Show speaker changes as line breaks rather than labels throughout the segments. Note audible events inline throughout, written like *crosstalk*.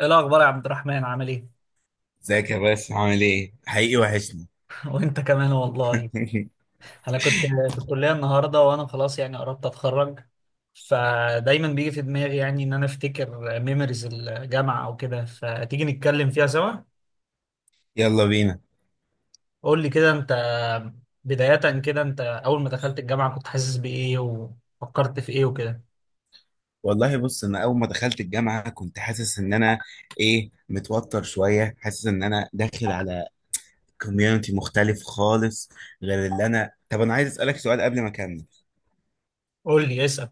ايه الاخبار يا عبد الرحمن عامل ايه؟
ازيك يا باشا، عامل ايه؟ حقيقي وحشني.
*laughs* وانت كمان والله.
*laughs*
انا كنت في الكليه النهارده وانا خلاص يعني قربت اتخرج، فدايما بيجي في دماغي يعني ان انا افتكر ميموريز الجامعه او كده فتيجي نتكلم فيها سوا.
يلا بينا.
قول لي كده انت، بدايه كده انت اول ما دخلت الجامعه كنت حاسس بايه وفكرت في ايه وكده.
والله بص، انا اول ما دخلت الجامعه كنت حاسس ان انا متوتر شويه، حاسس ان انا داخل على كوميونتي مختلف خالص. غير اللي انا طب انا عايز اسالك سؤال قبل ما اكمل.
قول لي اسال.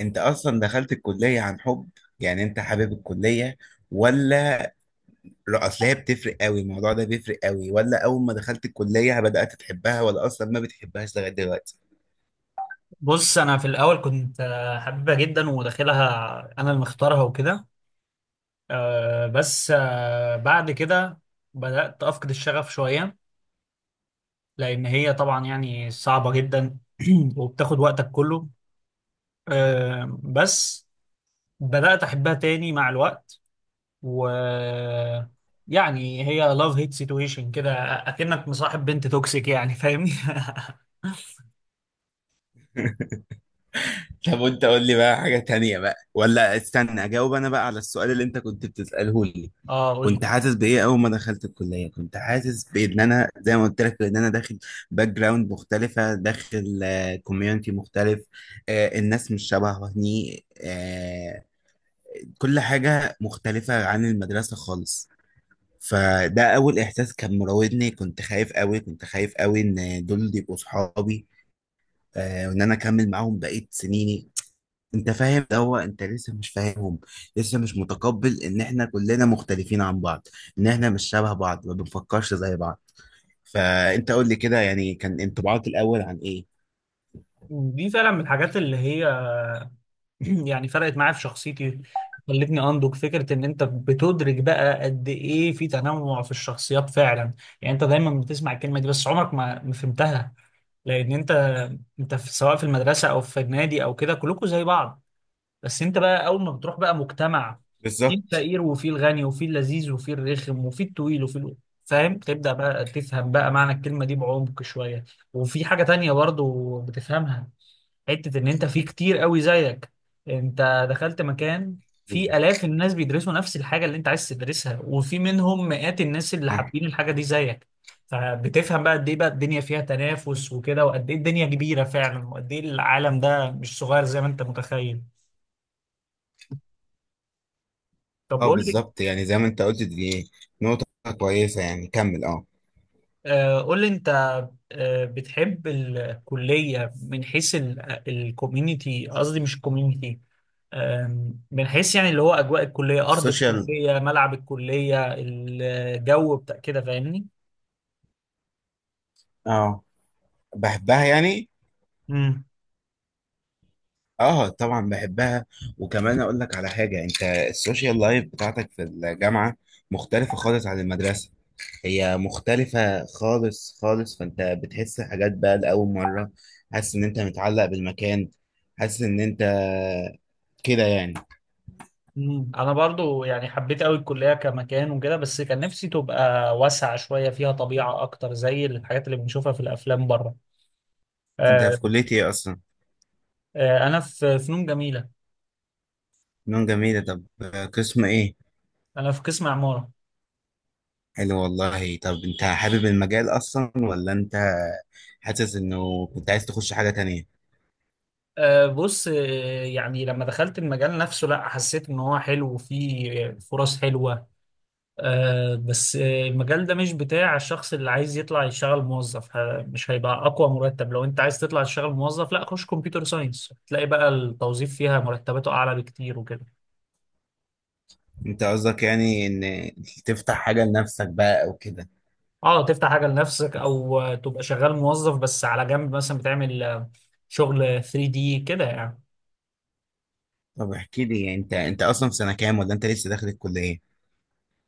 انت اصلا دخلت الكليه عن حب؟ يعني انت حابب الكليه ولا؟ لا، اصل هي بتفرق قوي، الموضوع ده بيفرق قوي. ولا اول ما دخلت الكليه بدات تحبها، ولا اصلا ما بتحبهاش لغايه دلوقتي؟
بص انا في الاول كنت حبيبها جدا وداخلها، انا اللي مختارها وكده. آه، بس آه، بعد كده بدأت أفقد الشغف شوية، لان هي طبعا يعني صعبة جدا. *clears throat* وبتاخد وقتك كله. آه، بس بدأت احبها تاني مع الوقت. و يعني هي لاف هيت سيتويشن كده، اكنك مصاحب بنت توكسيك يعني فاهمني.
طب وانت، قول لي بقى حاجة تانية بقى، ولا استنى اجاوب انا بقى على السؤال اللي انت كنت بتسأله لي؟
*laughs* اه قول لي.
كنت حاسس بايه اول ما دخلت الكلية؟ كنت حاسس بان انا زي ما قلت لك ان انا داخل باك جراوند مختلفة، داخل كوميونتي مختلف. الناس مش شبهني. كل حاجة مختلفة عن المدرسة خالص. فده اول احساس كان مراودني. كنت خايف قوي، كنت خايف قوي ان دول يبقوا صحابي، وان انا اكمل معاهم بقية سنيني. انت فاهم، ده هو انت لسه مش فاهمهم، لسه مش متقبل ان احنا كلنا مختلفين عن بعض، ان احنا مش شبه بعض، ما بنفكرش زي بعض. فانت قول لي كده، يعني كان انطباعك الاول عن ايه؟
دي فعلا من الحاجات اللي هي *clears throat* يعني فرقت معايا في شخصيتي، خلتني انضج. فكره ان انت بتدرك بقى قد ايه في تنوع في الشخصيات فعلا، يعني انت دايما بتسمع الكلمه دي بس عمرك ما فهمتها. لان انت، انت في سواء في المدرسه او في النادي او كده كلكم زي بعض، بس انت بقى اول ما بتروح بقى مجتمع، في
بالظبط.
الفقير وفي الغني وفي اللذيذ وفي الرخم وفي الطويل وفي ال... فاهم، تبدا بقى تفهم بقى معنى الكلمه دي بعمق شويه. وفي حاجه تانية برضو بتفهمها، حتة ان انت في كتير قوي زيك، انت دخلت مكان في
بالظبط.
الاف الناس بيدرسوا نفس الحاجة اللي انت عايز تدرسها، وفي منهم مئات الناس اللي
اه.
حابين الحاجة دي زيك. فبتفهم بقى قد ايه بقى الدنيا فيها تنافس وكده، وقد ايه الدنيا كبيرة فعلا، وقد ايه العالم ده مش صغير زي ما انت متخيل. طب
اه
قول لي.
بالظبط، يعني زي ما انت قلت، دي نقطة كويسة. يعني كمل اه.
قول لي انت، آه بتحب الكلية من حيث الكوميونتي، قصدي مش الكوميونتي، من حيث يعني اللي هو اجواء الكليه، ارض
السوشيال.
الكليه، ملعب الكليه، الجو بتاع كده فاهمني.
اه، بحبها يعني.
امم.
اه طبعا بحبها. وكمان اقول لك على حاجة، انت السوشيال لايف بتاعتك في الجامعة مختلفة خالص عن المدرسة. هي مختلفة خالص خالص، فانت بتحس حاجات بقى لأول مرة. حاسس ان انت متعلق بالمكان، حاسس ان انت كده يعني.
امم، انا برضو يعني حبيت قوي الكليه كمكان وكده، بس كان نفسي تبقى واسعه شويه، فيها طبيعه اكتر زي الحاجات اللي بنشوفها في الافلام بره.
انت
آه،
في كلية ايه اصلا؟
انا في فنون جميله.
فنون جميلة، طب قسم ايه؟
انا في قسم عماره.
حلو والله. طب انت حابب المجال اصلا، ولا انت حاسس انه كنت عايز تخش حاجة تانية؟
آه، بص آه، يعني لما دخلت المجال نفسه لا، حسيت ان هو حلو وفيه فرص حلوه. آه، بس آه، المجال ده مش بتاع الشخص اللي عايز يطلع يشتغل موظف، مش هيبقى اقوى مرتب. لو انت عايز تطلع تشتغل موظف لا، خش كمبيوتر ساينس تلاقي بقى التوظيف فيها مرتباته اعلى بكتير وكده.
انت قصدك يعني ان تفتح حاجة لنفسك بقى او كده.
اه تفتح حاجه لنفسك، او تبقى شغال موظف بس على جنب مثلا بتعمل شغل 3D دي كده يعني.
طب احكي لي انت، انت اصلا في سنة كام، ولا انت لسه داخل الكلية؟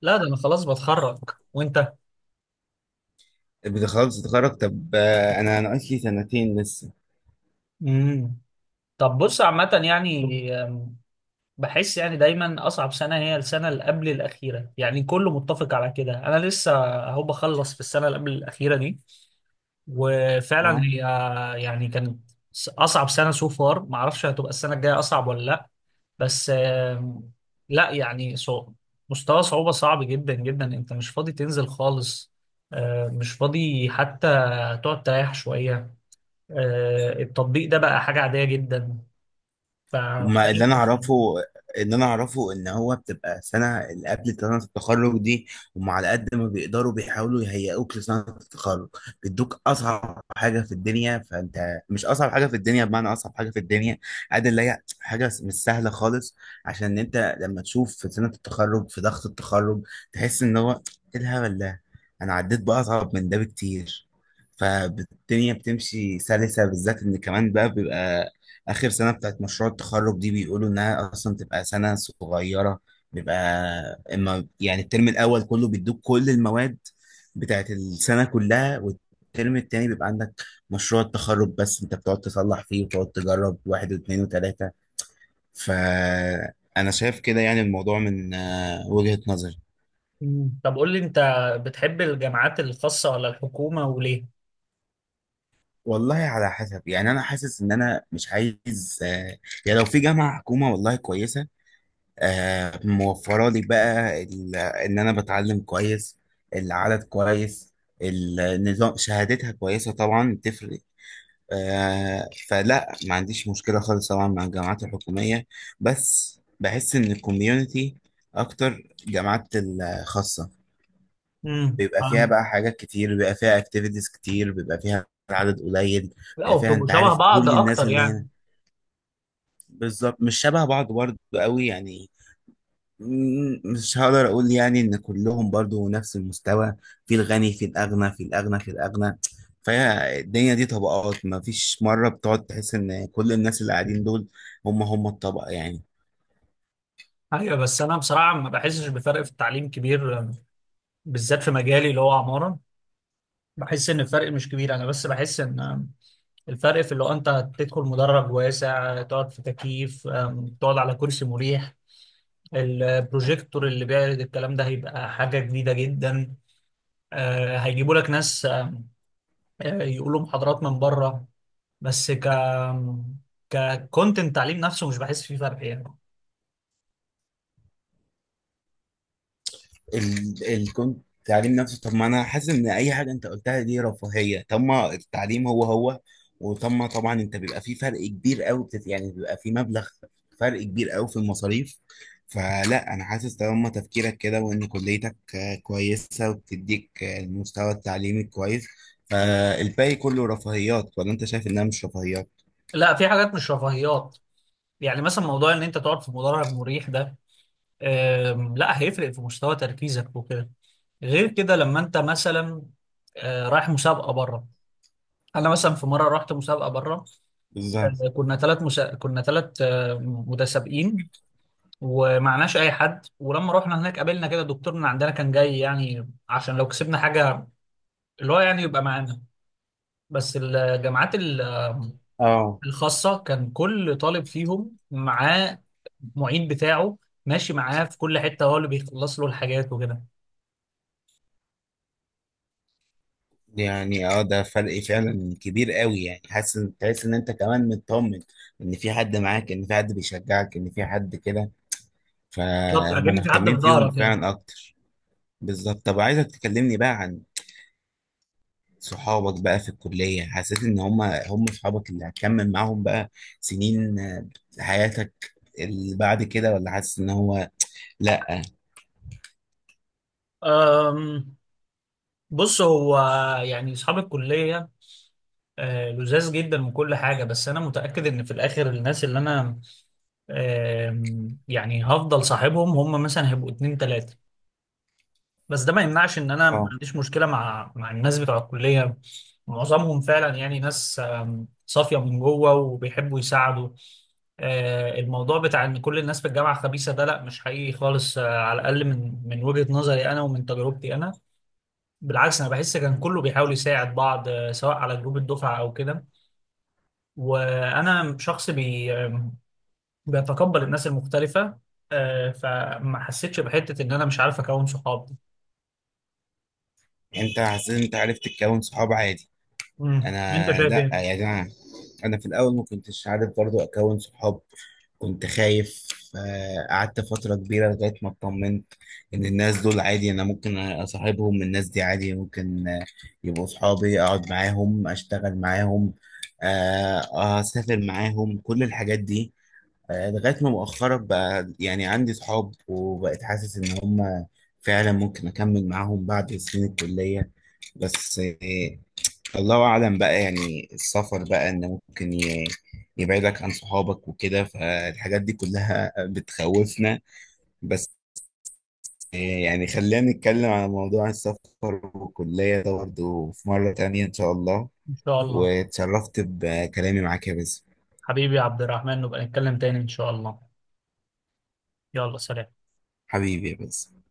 لا، ده انا خلاص بتخرج. وانت؟
بتخلص تتخرج؟ طب انا ناقص لي سنتين لسه.
امم. طب بص عامه يعني بحس يعني دايما اصعب سنه هي السنه اللي قبل الاخيره، يعني كله متفق على كده. انا لسه اهو بخلص في السنه اللي قبل الاخيره دي، وفعلا
اه،
هي يعني كانت اصعب سنه سو فار. ما اعرفش هتبقى السنه الجايه اصعب ولا لا، بس لا يعني صعب، مستوى صعوبه صعب جدا جدا. انت مش فاضي تنزل خالص، مش فاضي حتى تقعد تريح شويه. التطبيق ده بقى حاجه عاديه جدا. ف
وما اللي انا اعرفه، اللي انا اعرفه ان هو بتبقى سنه اللي قبل سنه التخرج دي. هم على قد ما بيقدروا بيحاولوا يهيئوك لسنه التخرج، بيدوك اصعب حاجه في الدنيا. فانت مش اصعب حاجه في الدنيا بمعنى اصعب حاجه في الدنيا، قد اللي هي حاجه مش سهله خالص. عشان إن انت لما تشوف في سنه التخرج، في ضغط التخرج، تحس ان هو ايه الهبل ده، انا عديت باصعب من ده بكتير. فالدنيا بتمشي سلسه، بالذات ان كمان بقى بيبقى آخر سنة بتاعت مشروع التخرج دي بيقولوا إنها أصلا تبقى سنة صغيرة. بيبقى إما يعني الترم الأول كله بيدوك كل المواد بتاعت السنة كلها، والترم التاني بيبقى عندك مشروع التخرج بس. أنت بتقعد تصلح فيه وتقعد تجرب، واحد واثنين وتلاتة. فأنا شايف كده يعني الموضوع من وجهة نظري.
مم. طب قول لي انت، بتحب الجامعات الخاصة ولا الحكومة وليه؟
والله على حسب. يعني أنا حاسس إن أنا مش عايز. يعني لو في جامعة حكومة والله كويسة، موفره لي بقى ان انا بتعلم كويس، العدد كويس، النظام، شهادتها كويسه طبعا بتفرق. فلا ما عنديش مشكله خالص طبعا مع الجامعات الحكوميه. بس بحس ان الكوميونتي اكتر جامعات الخاصه، بيبقى فيها
امم.
بقى حاجات كتير، بيبقى فيها اكتيفيتيز كتير، بيبقى فيها عدد قليل.
لا
بيبقى فيها
وبتبقوا
انت
شبه
عارف
بعض
كل الناس
اكتر
اللي هنا.
يعني.
بالظبط، مش شبه بعض برضه قوي يعني. مش هقدر اقول يعني ان كلهم برضو نفس المستوى. في الغني، في الاغنى، في الاغنى، في الاغنى. فهي الدنيا دي طبقات، ما فيش مرة بتقعد تحس ان كل الناس اللي قاعدين دول هم هم الطبقة يعني.
ايوه بس انا بصراحة ما بحسش بفرق في التعليم كبير، بالذات في مجالي اللي هو عمارة. بحس ان الفرق مش كبير، انا بس بحس ان الفرق في اللي هو انت تدخل مدرج واسع، تقعد في تكييف، تقعد على كرسي مريح، البروجيكتور اللي بيعرض الكلام ده هيبقى حاجة جديدة جدا. هيجيبوا لك ناس، أم، أه، يقولوا محاضرات من بره. بس ك ككونتنت تعليم نفسه مش بحس فيه فرق يعني.
كنت التعليم نفسه، طب ما انا حاسس ان اي حاجه انت قلتها دي رفاهيه. طب ما التعليم هو هو. وطب ما طبعا انت بيبقى في فرق كبير قوي يعني بيبقى في مبلغ، فرق كبير قوي في المصاريف. فلا انا حاسس طالما تفكيرك كده، وان كليتك كويسه وبتديك المستوى التعليمي كويس، فالباقي كله رفاهيات، ولا انت شايف انها مش رفاهيات؟
لا، في حاجات مش رفاهيات. يعني مثلا موضوع ان انت تقعد في مدرج مريح ده لا، هيفرق في مستوى تركيزك وكده. غير كده لما انت مثلا رايح مسابقه بره. انا مثلا في مره رحت مسابقه بره،
بالظبط.
كنا كنا ثلاث متسابقين ومعناش اي حد. ولما رحنا هناك قابلنا كده دكتور من عندنا كان جاي يعني عشان لو كسبنا حاجه اللي هو يعني يبقى معانا. بس
اه
الخاصة كان كل طالب فيهم معاه معيد بتاعه، ماشي معاه في كل حتة، هو اللي بيخلص له الحاجات وكده.
يعني اه ده فرق فعلا كبير قوي يعني. حاسس تحس ان انت كمان مطمن ان في حد معاك، ان في حد بيشجعك، ان في حد كده.
بالظبط،
فهم
أكن في حد في
مهتمين فيهم
ظهرك يعني.
فعلا اكتر. بالظبط. طب عايزك تكلمني بقى عن صحابك بقى في الكلية. حسيت ان هم هم صحابك اللي هتكمل معاهم بقى سنين حياتك اللي بعد كده، ولا حاسس ان هو لا؟
أم، بص هو يعني أصحاب الكلية لذاذ جدا من كل حاجة، بس أنا متأكد إن في الآخر الناس اللي أنا يعني هفضل صاحبهم هم مثلا هيبقوا اتنين تلاتة. بس ده ما يمنعش ان انا ما
اه،
عنديش مشكله مع الناس بتوع الكليه. معظمهم فعلا يعني ناس صافيه من جوه وبيحبوا يساعدوا. الموضوع بتاع ان كل الناس في الجامعه خبيثه ده، لا مش حقيقي خالص، على الاقل من وجهه نظري انا ومن تجربتي انا. بالعكس انا بحس كان كله بيحاول يساعد بعض، سواء على جروب الدفعه او كده. وانا شخص بي آم، بيتقبل الناس المختلفه، فما حسيتش بحته ان انا مش عارف اكون صحاب دي.
انت حسيت إن انت عرفت تكون صحاب عادي.
مم. انت
انا
شايف
لا،
ايه؟
يا جماعه، انا في الاول ما كنتش عارف برضو اكون صحاب، كنت خايف. قعدت فتره كبيره لغايه ما اطمنت ان الناس دول عادي، انا ممكن اصاحبهم، الناس دي عادي ممكن يبقوا صحابي، اقعد معاهم، اشتغل معاهم، اسافر معاهم، كل الحاجات دي. لغايه ما مؤخرا بقى يعني عندي صحاب، وبقيت حاسس ان هم فعلا ممكن اكمل معاهم بعد سنين الكليه. بس الله أعلم بقى، يعني السفر بقى إن ممكن يبعدك عن صحابك وكده، فالحاجات دي كلها بتخوفنا. بس يعني خلينا نتكلم على موضوع السفر والكلية ده برضه في مرة تانية إن شاء الله.
إن شاء الله.
واتشرفت بكلامي معاك يا باسم.
حبيبي يا عبد الرحمن، نبقى نتكلم تاني إن شاء الله. يلا سلام.
حبيبي يا باسم.